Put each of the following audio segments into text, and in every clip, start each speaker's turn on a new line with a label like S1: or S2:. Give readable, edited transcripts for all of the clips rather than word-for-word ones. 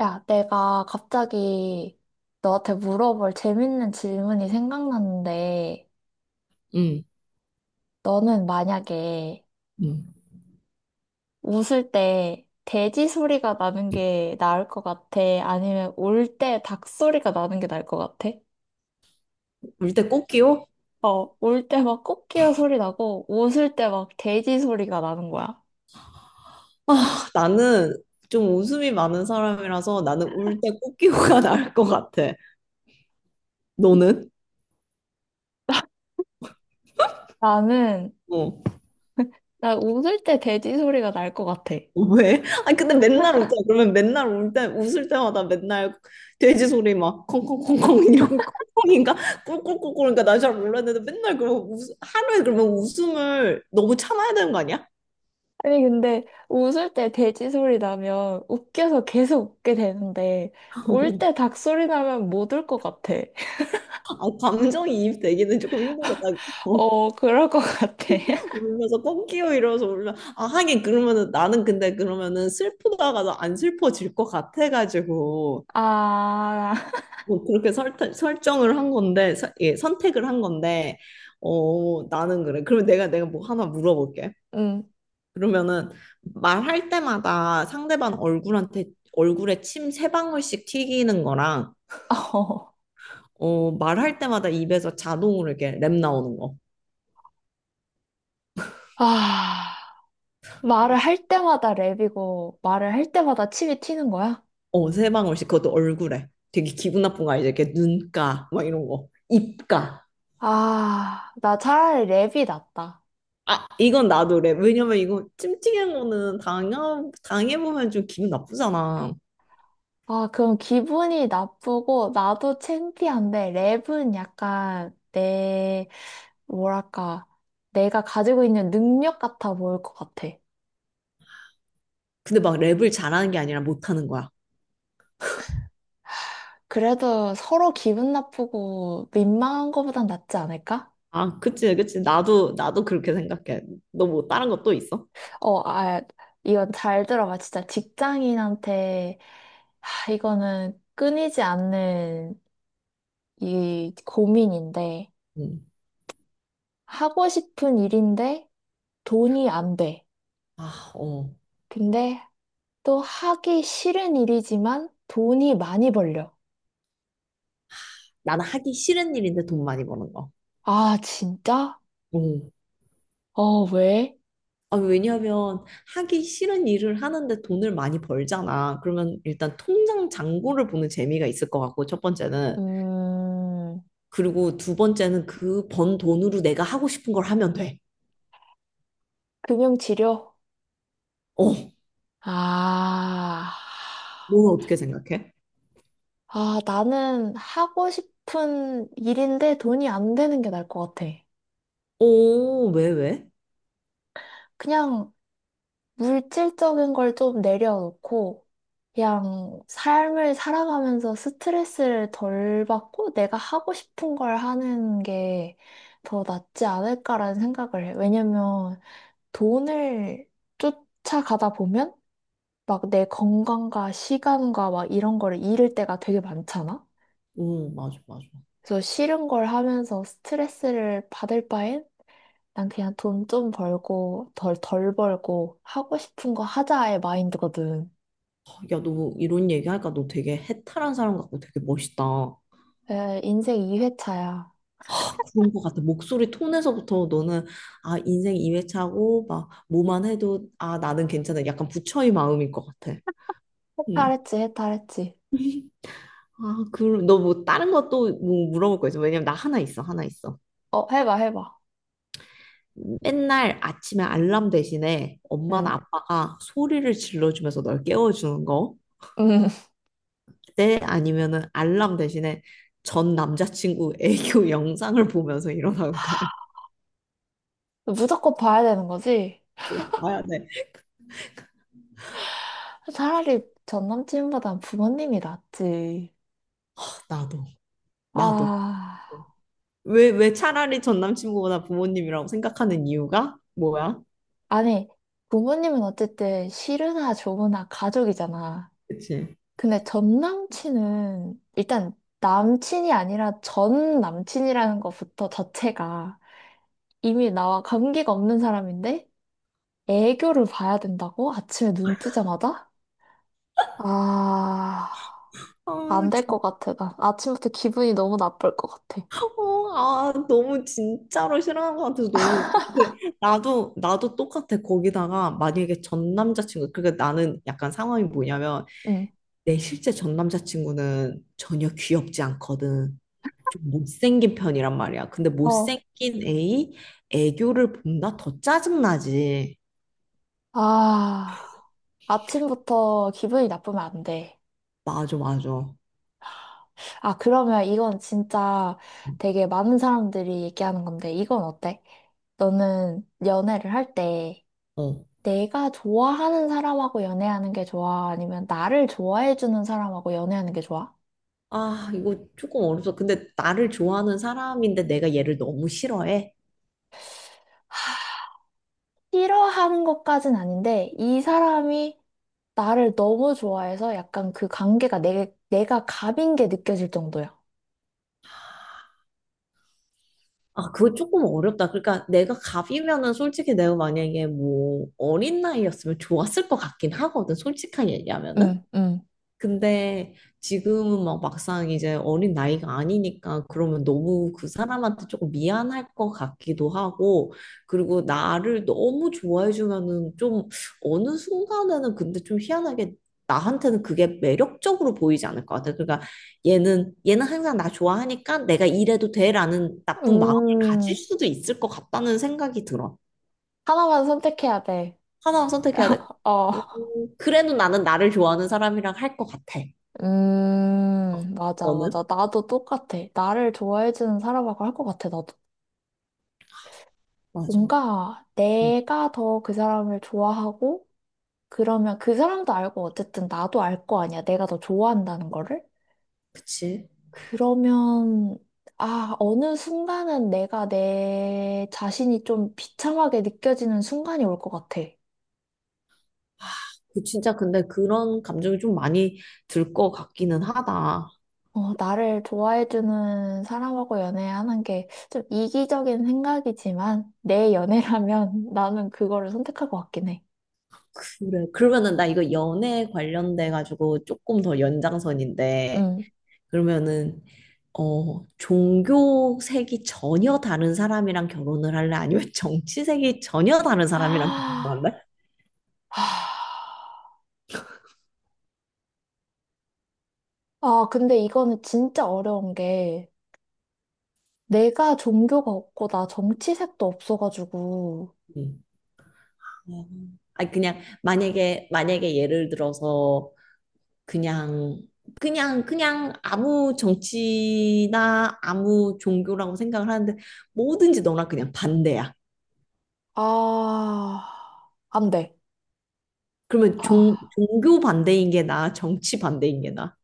S1: 야, 내가 갑자기 너한테 물어볼 재밌는 질문이 생각났는데,
S2: 음,
S1: 너는 만약에
S2: 음.
S1: 웃을 때 돼지 소리가 나는 게 나을 것 같아? 아니면 울 때 닭 소리가 나는 게 나을 것 같아?
S2: 울 때 꽃기호?
S1: 어, 울 때 막 코끼리 소리 나고, 웃을 때 막 돼지 소리가 나는 거야.
S2: 아, 나는 좀 웃음이 많은 사람이라서 나는 울 때 꽃기호가 나을 것 같아. 너는?
S1: 나는,
S2: 어.
S1: 나 웃을 때 돼지 소리가 날 것 같아.
S2: 왜? 아니 근데 맨날 울잖아. 그러면 맨날 울 때, 웃을 때마다 맨날 돼지 소리 막 콩콩콩콩 이런 콩콩인가? 꿀꿀꿀꿀인가? 나 잘 몰랐는데 맨날 그러면 하루에 그러면 웃음을 너무 참아야 되는 거 아니야?
S1: 아니, 근데 웃을 때 돼지 소리 나면 웃겨서 계속 웃게 되는데, 울 때 닭 소리 나면 못 울 것 같아.
S2: 아, 감정이입 되기는 조금 힘들겠다. 어.
S1: 어, 그럴 것 같아.
S2: 울면서 꼭 끼워 이러면서 울면 아 하긴 그러면은 나는 근데 그러면은 슬프다가도 안 슬퍼질 것 같아가지고
S1: 아,
S2: 뭐 그렇게 설정을 한 건데 선택을 한 건데 어 나는 그래 그럼 내가 뭐 하나 물어볼게.
S1: 음,
S2: 그러면은 말할 때마다 상대방 얼굴한테 얼굴에 침 세 방울씩 튀기는 거랑
S1: 어.
S2: 어 말할 때마다 입에서 자동으로 이렇게 랩 나오는 거.
S1: 아, 말을 할 때마다 랩이고, 말을 할 때마다 침이 튀는 거야?
S2: 어, 세 방울씩 그것도 얼굴에 되게 기분 나쁜 거 알죠? 이렇게 눈가 막 이런 거 입가.
S1: 아, 나 차라리 랩이 낫다.
S2: 아 이건 나도 그래. 왜냐면 이거 찜찜한 거는 당해보면 좀 기분 나쁘잖아.
S1: 아, 그럼 기분이 나쁘고, 나도 창피한데, 랩은 약간 내 뭐랄까, 내가 가지고 있는 능력 같아 보일 것 같아.
S2: 근데 막 랩을 잘하는 게 아니라 못하는 거야.
S1: 그래도 서로 기분 나쁘고 민망한 거보단 낫지 않을까?
S2: 아 그치 그치 나도 나도 그렇게 생각해. 너 뭐 다른 것또 있어?
S1: 어, 아, 이건 잘 들어봐. 진짜 직장인한테, 하, 이거는 끊이지 않는 이 고민인데,
S2: 응.
S1: 하고 싶은 일인데 돈이 안 돼.
S2: 아, 어.
S1: 근데 또 하기 싫은 일이지만 돈이 많이 벌려.
S2: 나는 하기 싫은 일인데 돈 많이 버는 거.
S1: 아, 진짜? 어, 왜?
S2: 아, 왜냐하면 하기 싫은 일을 하는데 돈을 많이 벌잖아. 그러면 일단 통장 잔고를 보는 재미가 있을 것 같고, 첫 번째는.
S1: 음.
S2: 그리고 두 번째는 그 번 돈으로 내가 하고 싶은 걸 하면 돼.
S1: 금융치료?
S2: 어,
S1: 아,
S2: 너 어떻게 생각해?
S1: 아, 나는 하고 싶은 일인데 돈이 안 되는 게 나을 것 같아.
S2: 어, 왜, 왜?
S1: 그냥 물질적인 걸 좀 내려놓고, 그냥 삶을 살아가면서 스트레스를 덜 받고 내가 하고 싶은 걸 하는 게 더 낫지 않을까라는 생각을 해. 왜냐면 돈을 쫓아가다 보면 막 내 건강과 시간과 막 이런 거를 잃을 때가 되게 많잖아?
S2: 어, 맞아, 맞아.
S1: 그래서 싫은 걸 하면서 스트레스를 받을 바엔 난 그냥 돈 좀 벌고 덜 벌고 하고 싶은 거 하자의 마인드거든.
S2: 아, 야, 너 이런 얘기하니까 너 되게 해탈한 사람 같고 되게 멋있다. 아,
S1: 에, 인생 2회차야.
S2: 그런 것 같아. 목소리 톤에서부터 너는, 아, 인생 2회차고, 막, 뭐만 해도, 아, 나는 괜찮아. 약간 부처의 마음일 것 같아. 응.
S1: 해탈했지, 해탈했지.
S2: 아, 그럼 너 뭐 다른 것도 뭐 물어볼 거 있어? 왜냐면 나 하나 있어, 하나 있어.
S1: 어, 해봐, 해봐.
S2: 맨날 아침에 알람 대신에
S1: 응.
S2: 엄마나 아빠가 소리를 질러주면서 널 깨워주는 거?
S1: 응.
S2: 때 아니면은 알람 대신에 전 남자친구 애교 영상을 보면서 일어나는 거야.
S1: 무조건 봐야 되는 거지?
S2: 봐야 돼.
S1: 차라리 전 남친보단 부모님이 낫지.
S2: 하, 나도, 나도.
S1: 아,
S2: 왜, 왜 차라리 전 남친구보다 부모님이라고 생각하는 이유가 뭐야?
S1: 아니, 부모님은 어쨌든 싫으나 좋으나 가족이잖아.
S2: 그치?
S1: 근데 전 남친은 일단 남친이 아니라 전 남친이라는 것부터 자체가 이미 나와 관계가 없는 사람인데 애교를 봐야 된다고? 아침에 눈 뜨자마자? 아,
S2: 어,
S1: 안 될 것 같아. 나 아침부터 기분이 너무 나쁠 것 같아.
S2: 어, 아, 너무 진짜로 싫어하는 것 같아서 너무 나도 나도 똑같아. 거기다가 만약에 전 남자친구 그러니까 나는 약간 상황이 뭐냐면
S1: 응.
S2: 내 실제 전 남자친구는 전혀 귀엽지 않거든. 좀 못생긴 편이란 말이야. 근데
S1: 어.
S2: 못생긴 애이 애교를 본다? 더 짜증나지.
S1: 아, 아침부터 기분이 나쁘면 안 돼.
S2: 맞아, 맞아.
S1: 아, 그러면 이건 진짜 되게 많은 사람들이 얘기하는 건데, 이건 어때? 너는 연애를 할때
S2: 어.
S1: 내가 좋아하는 사람하고 연애하는 게 좋아? 아니면 나를 좋아해주는 사람하고 연애하는 게 좋아?
S2: 아, 이거 조금 어렵다. 근데 나를 좋아하는 사람인데 내가 얘를 너무 싫어해.
S1: 싫어하는 것까진 아닌데, 이 사람이 나를 너무 좋아해서 약간 그 관계가 내가 갑인 게 느껴질 정도야.
S2: 아, 그거 조금 어렵다. 그러니까 내가 갑이면은 솔직히 내가 만약에 뭐 어린 나이였으면 좋았을 것 같긴 하거든. 솔직하게 얘기하면은.
S1: 응, 응.
S2: 근데 지금은 막 막상 이제 어린 나이가 아니니까 그러면 너무 그 사람한테 조금 미안할 것 같기도 하고 그리고 나를 너무 좋아해 주면은 좀 어느 순간에는 근데 좀 희한하게 나한테는 그게 매력적으로 보이지 않을 것 같아. 그러니까 얘는 항상 나 좋아하니까 내가 이래도 돼라는 나쁜 마음을 가질
S1: 음,
S2: 수도 있을 것 같다는 생각이 들어.
S1: 하나만 선택해야 돼.
S2: 하나만 선택해야 돼.
S1: 어,
S2: 음, 그래도 나는 나를 좋아하는 사람이랑 할 것 같아.
S1: 맞아, 맞아.
S2: 너는?
S1: 나도 똑같아. 나를 좋아해주는 사람하고 할 것 같아, 나도.
S2: 맞아.
S1: 뭔가
S2: 음,
S1: 내가 더 그 사람을 좋아하고, 그러면 그 사람도 알고 어쨌든 나도 알 거 아니야. 내가 더 좋아한다는 거를.
S2: 그치.
S1: 그러면 아, 어느 순간은 내가 내 자신이 좀 비참하게 느껴지는 순간이 올 것 같아.
S2: 그 진짜 근데 그런 감정이 좀 많이 들 것 같기는 하다.
S1: 어, 나를 좋아해주는 사람하고 연애하는 게 좀 이기적인 생각이지만 내 연애라면 나는 그거를 선택할 것 같긴 해.
S2: 그래. 그러면은 나 이거 연애 관련돼 가지고 조금 더 연장선인데
S1: 음.
S2: 그러면은 어 종교색이 전혀 다른 사람이랑 결혼을 할래? 아니면 정치색이 전혀 다른 사람이랑 결혼할래?
S1: 아, 아, 근데 이거는 진짜 어려운 게 내가 종교가 없고 나 정치색도 없어가지고
S2: 음. 아니 그냥 만약에 예를 들어서 그냥 그냥 아무 정치나 아무 종교라고 생각을 하는데 뭐든지 너랑 그냥 반대야.
S1: 아, 안 돼.
S2: 그러면
S1: 아,
S2: 종교 반대인 게 나아, 정치 반대인 게 나아.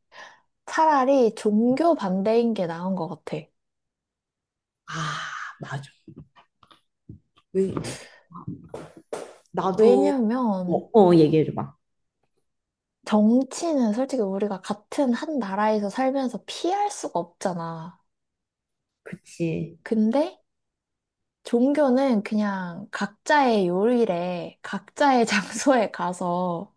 S1: 차라리 종교 반대인 게 나은 것 같아.
S2: 아, 맞아. 왜 나도 어,
S1: 왜냐면
S2: 어 얘기해 줘봐.
S1: 정치는 솔직히 우리가 같은 한 나라에서 살면서 피할 수가 없잖아.
S2: 그치.
S1: 근데 종교는 그냥 각자의 요일에 각자의 장소에 가서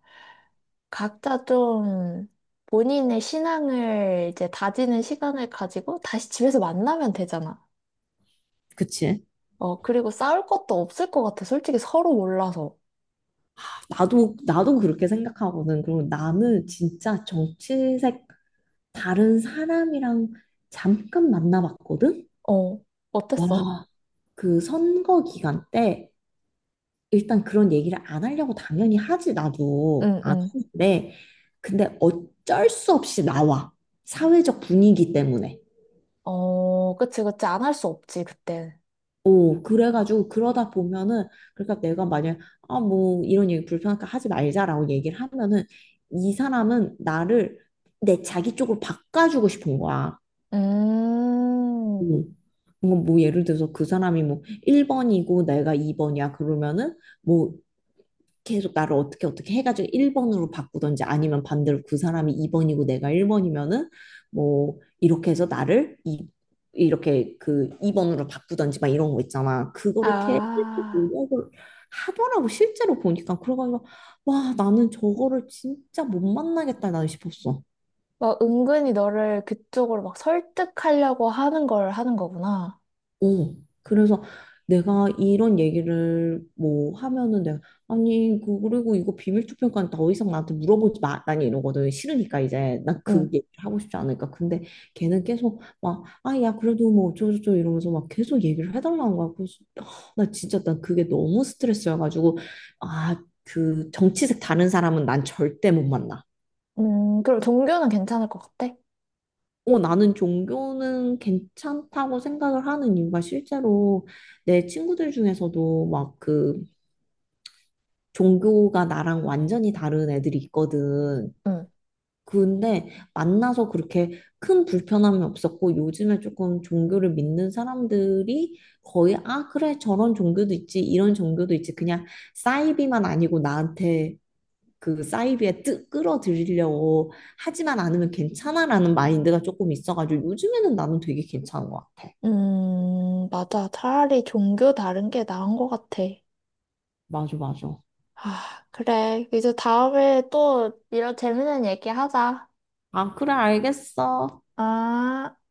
S1: 각자 좀 본인의 신앙을 이제 다지는 시간을 가지고 다시 집에서 만나면 되잖아.
S2: 그치.
S1: 어, 그리고 싸울 것도 없을 것 같아. 솔직히 서로 몰라서.
S2: 나도 나도 그렇게 생각하거든. 그리고 나는 진짜 정치색 다른 사람이랑 잠깐 만나봤거든.
S1: 어, 어땠어?
S2: 와, 그 선거 기간 때 일단 그런 얘기를 안 하려고 당연히 하지, 나도.
S1: 응,
S2: 안
S1: 응.
S2: 하는데. 근데 어쩔 수 없이 나와. 사회적 분위기 때문에.
S1: 어, 그치, 그치. 안 할 수 없지, 그때.
S2: 오, 그래가지고 그러다 보면은, 그러니까 내가 만약, 아, 뭐, 이런 얘기 불편하니까 하지 말자라고 얘기를 하면은, 이 사람은 나를 내 자기 쪽으로 바꿔주고 싶은 거야. 뭐,
S1: 음,
S2: 뭔가 뭐 예를 들어서 그 사람이 뭐 1번이고 내가 2번이야 그러면은 뭐 계속 나를 어떻게 어떻게 해가지고 1번으로 바꾸던지 아니면 반대로 그 사람이 2번이고 내가 1번이면은 뭐 이렇게 해서 나를 이렇게 그 2번으로 바꾸던지 막 이런 거 있잖아. 그거를 계속
S1: 아,
S2: 노력을 하더라고. 실제로 보니까 그래가지고 와 나는 저거를 진짜 못 만나겠다 나는 싶었어.
S1: 막 은근히 너를 그쪽으로 막 설득하려고 하는 걸 하는 거구나.
S2: 어, 그래서 내가 이런 얘기를 뭐 하면은 내가 아니 그 그리고 이거 비밀 투표니까 더 이상 나한테 물어보지 마. 난 이러거든. 싫으니까 이제 난 그
S1: 응,
S2: 얘기를 하고 싶지 않으니까. 근데 걔는 계속 막 아 야 그래도 뭐 어쩌고저쩌고 이러면서 막 계속 얘기를 해달라는 거야. 그래서 아, 나 진짜 난 그게 너무 스트레스여가지고 아 그 정치색 다른 사람은 난 절대 못 만나.
S1: 그럼 종교는 괜찮을 것 같아?
S2: 어, 나는 종교는 괜찮다고 생각을 하는 이유가 실제로 내 친구들 중에서도 막 그 종교가 나랑 완전히 다른 애들이 있거든.
S1: 응.
S2: 근데 만나서 그렇게 큰 불편함이 없었고 요즘에 조금 종교를 믿는 사람들이 거의 아, 그래, 저런 종교도 있지, 이런 종교도 있지. 그냥 사이비만 아니고 나한테 그 사이비에 끌어들이려고 하지만 않으면 괜찮아라는 마인드가 조금 있어가지고 요즘에는 나는 되게 괜찮은 것 같아.
S1: 맞아. 차라리 종교 다른 게 나은 것 같아.
S2: 맞아, 맞아.
S1: 아, 그래. 이제 다음에 또 이런 재밌는 얘기 하자.
S2: 아, 그래, 알겠어.
S1: 아.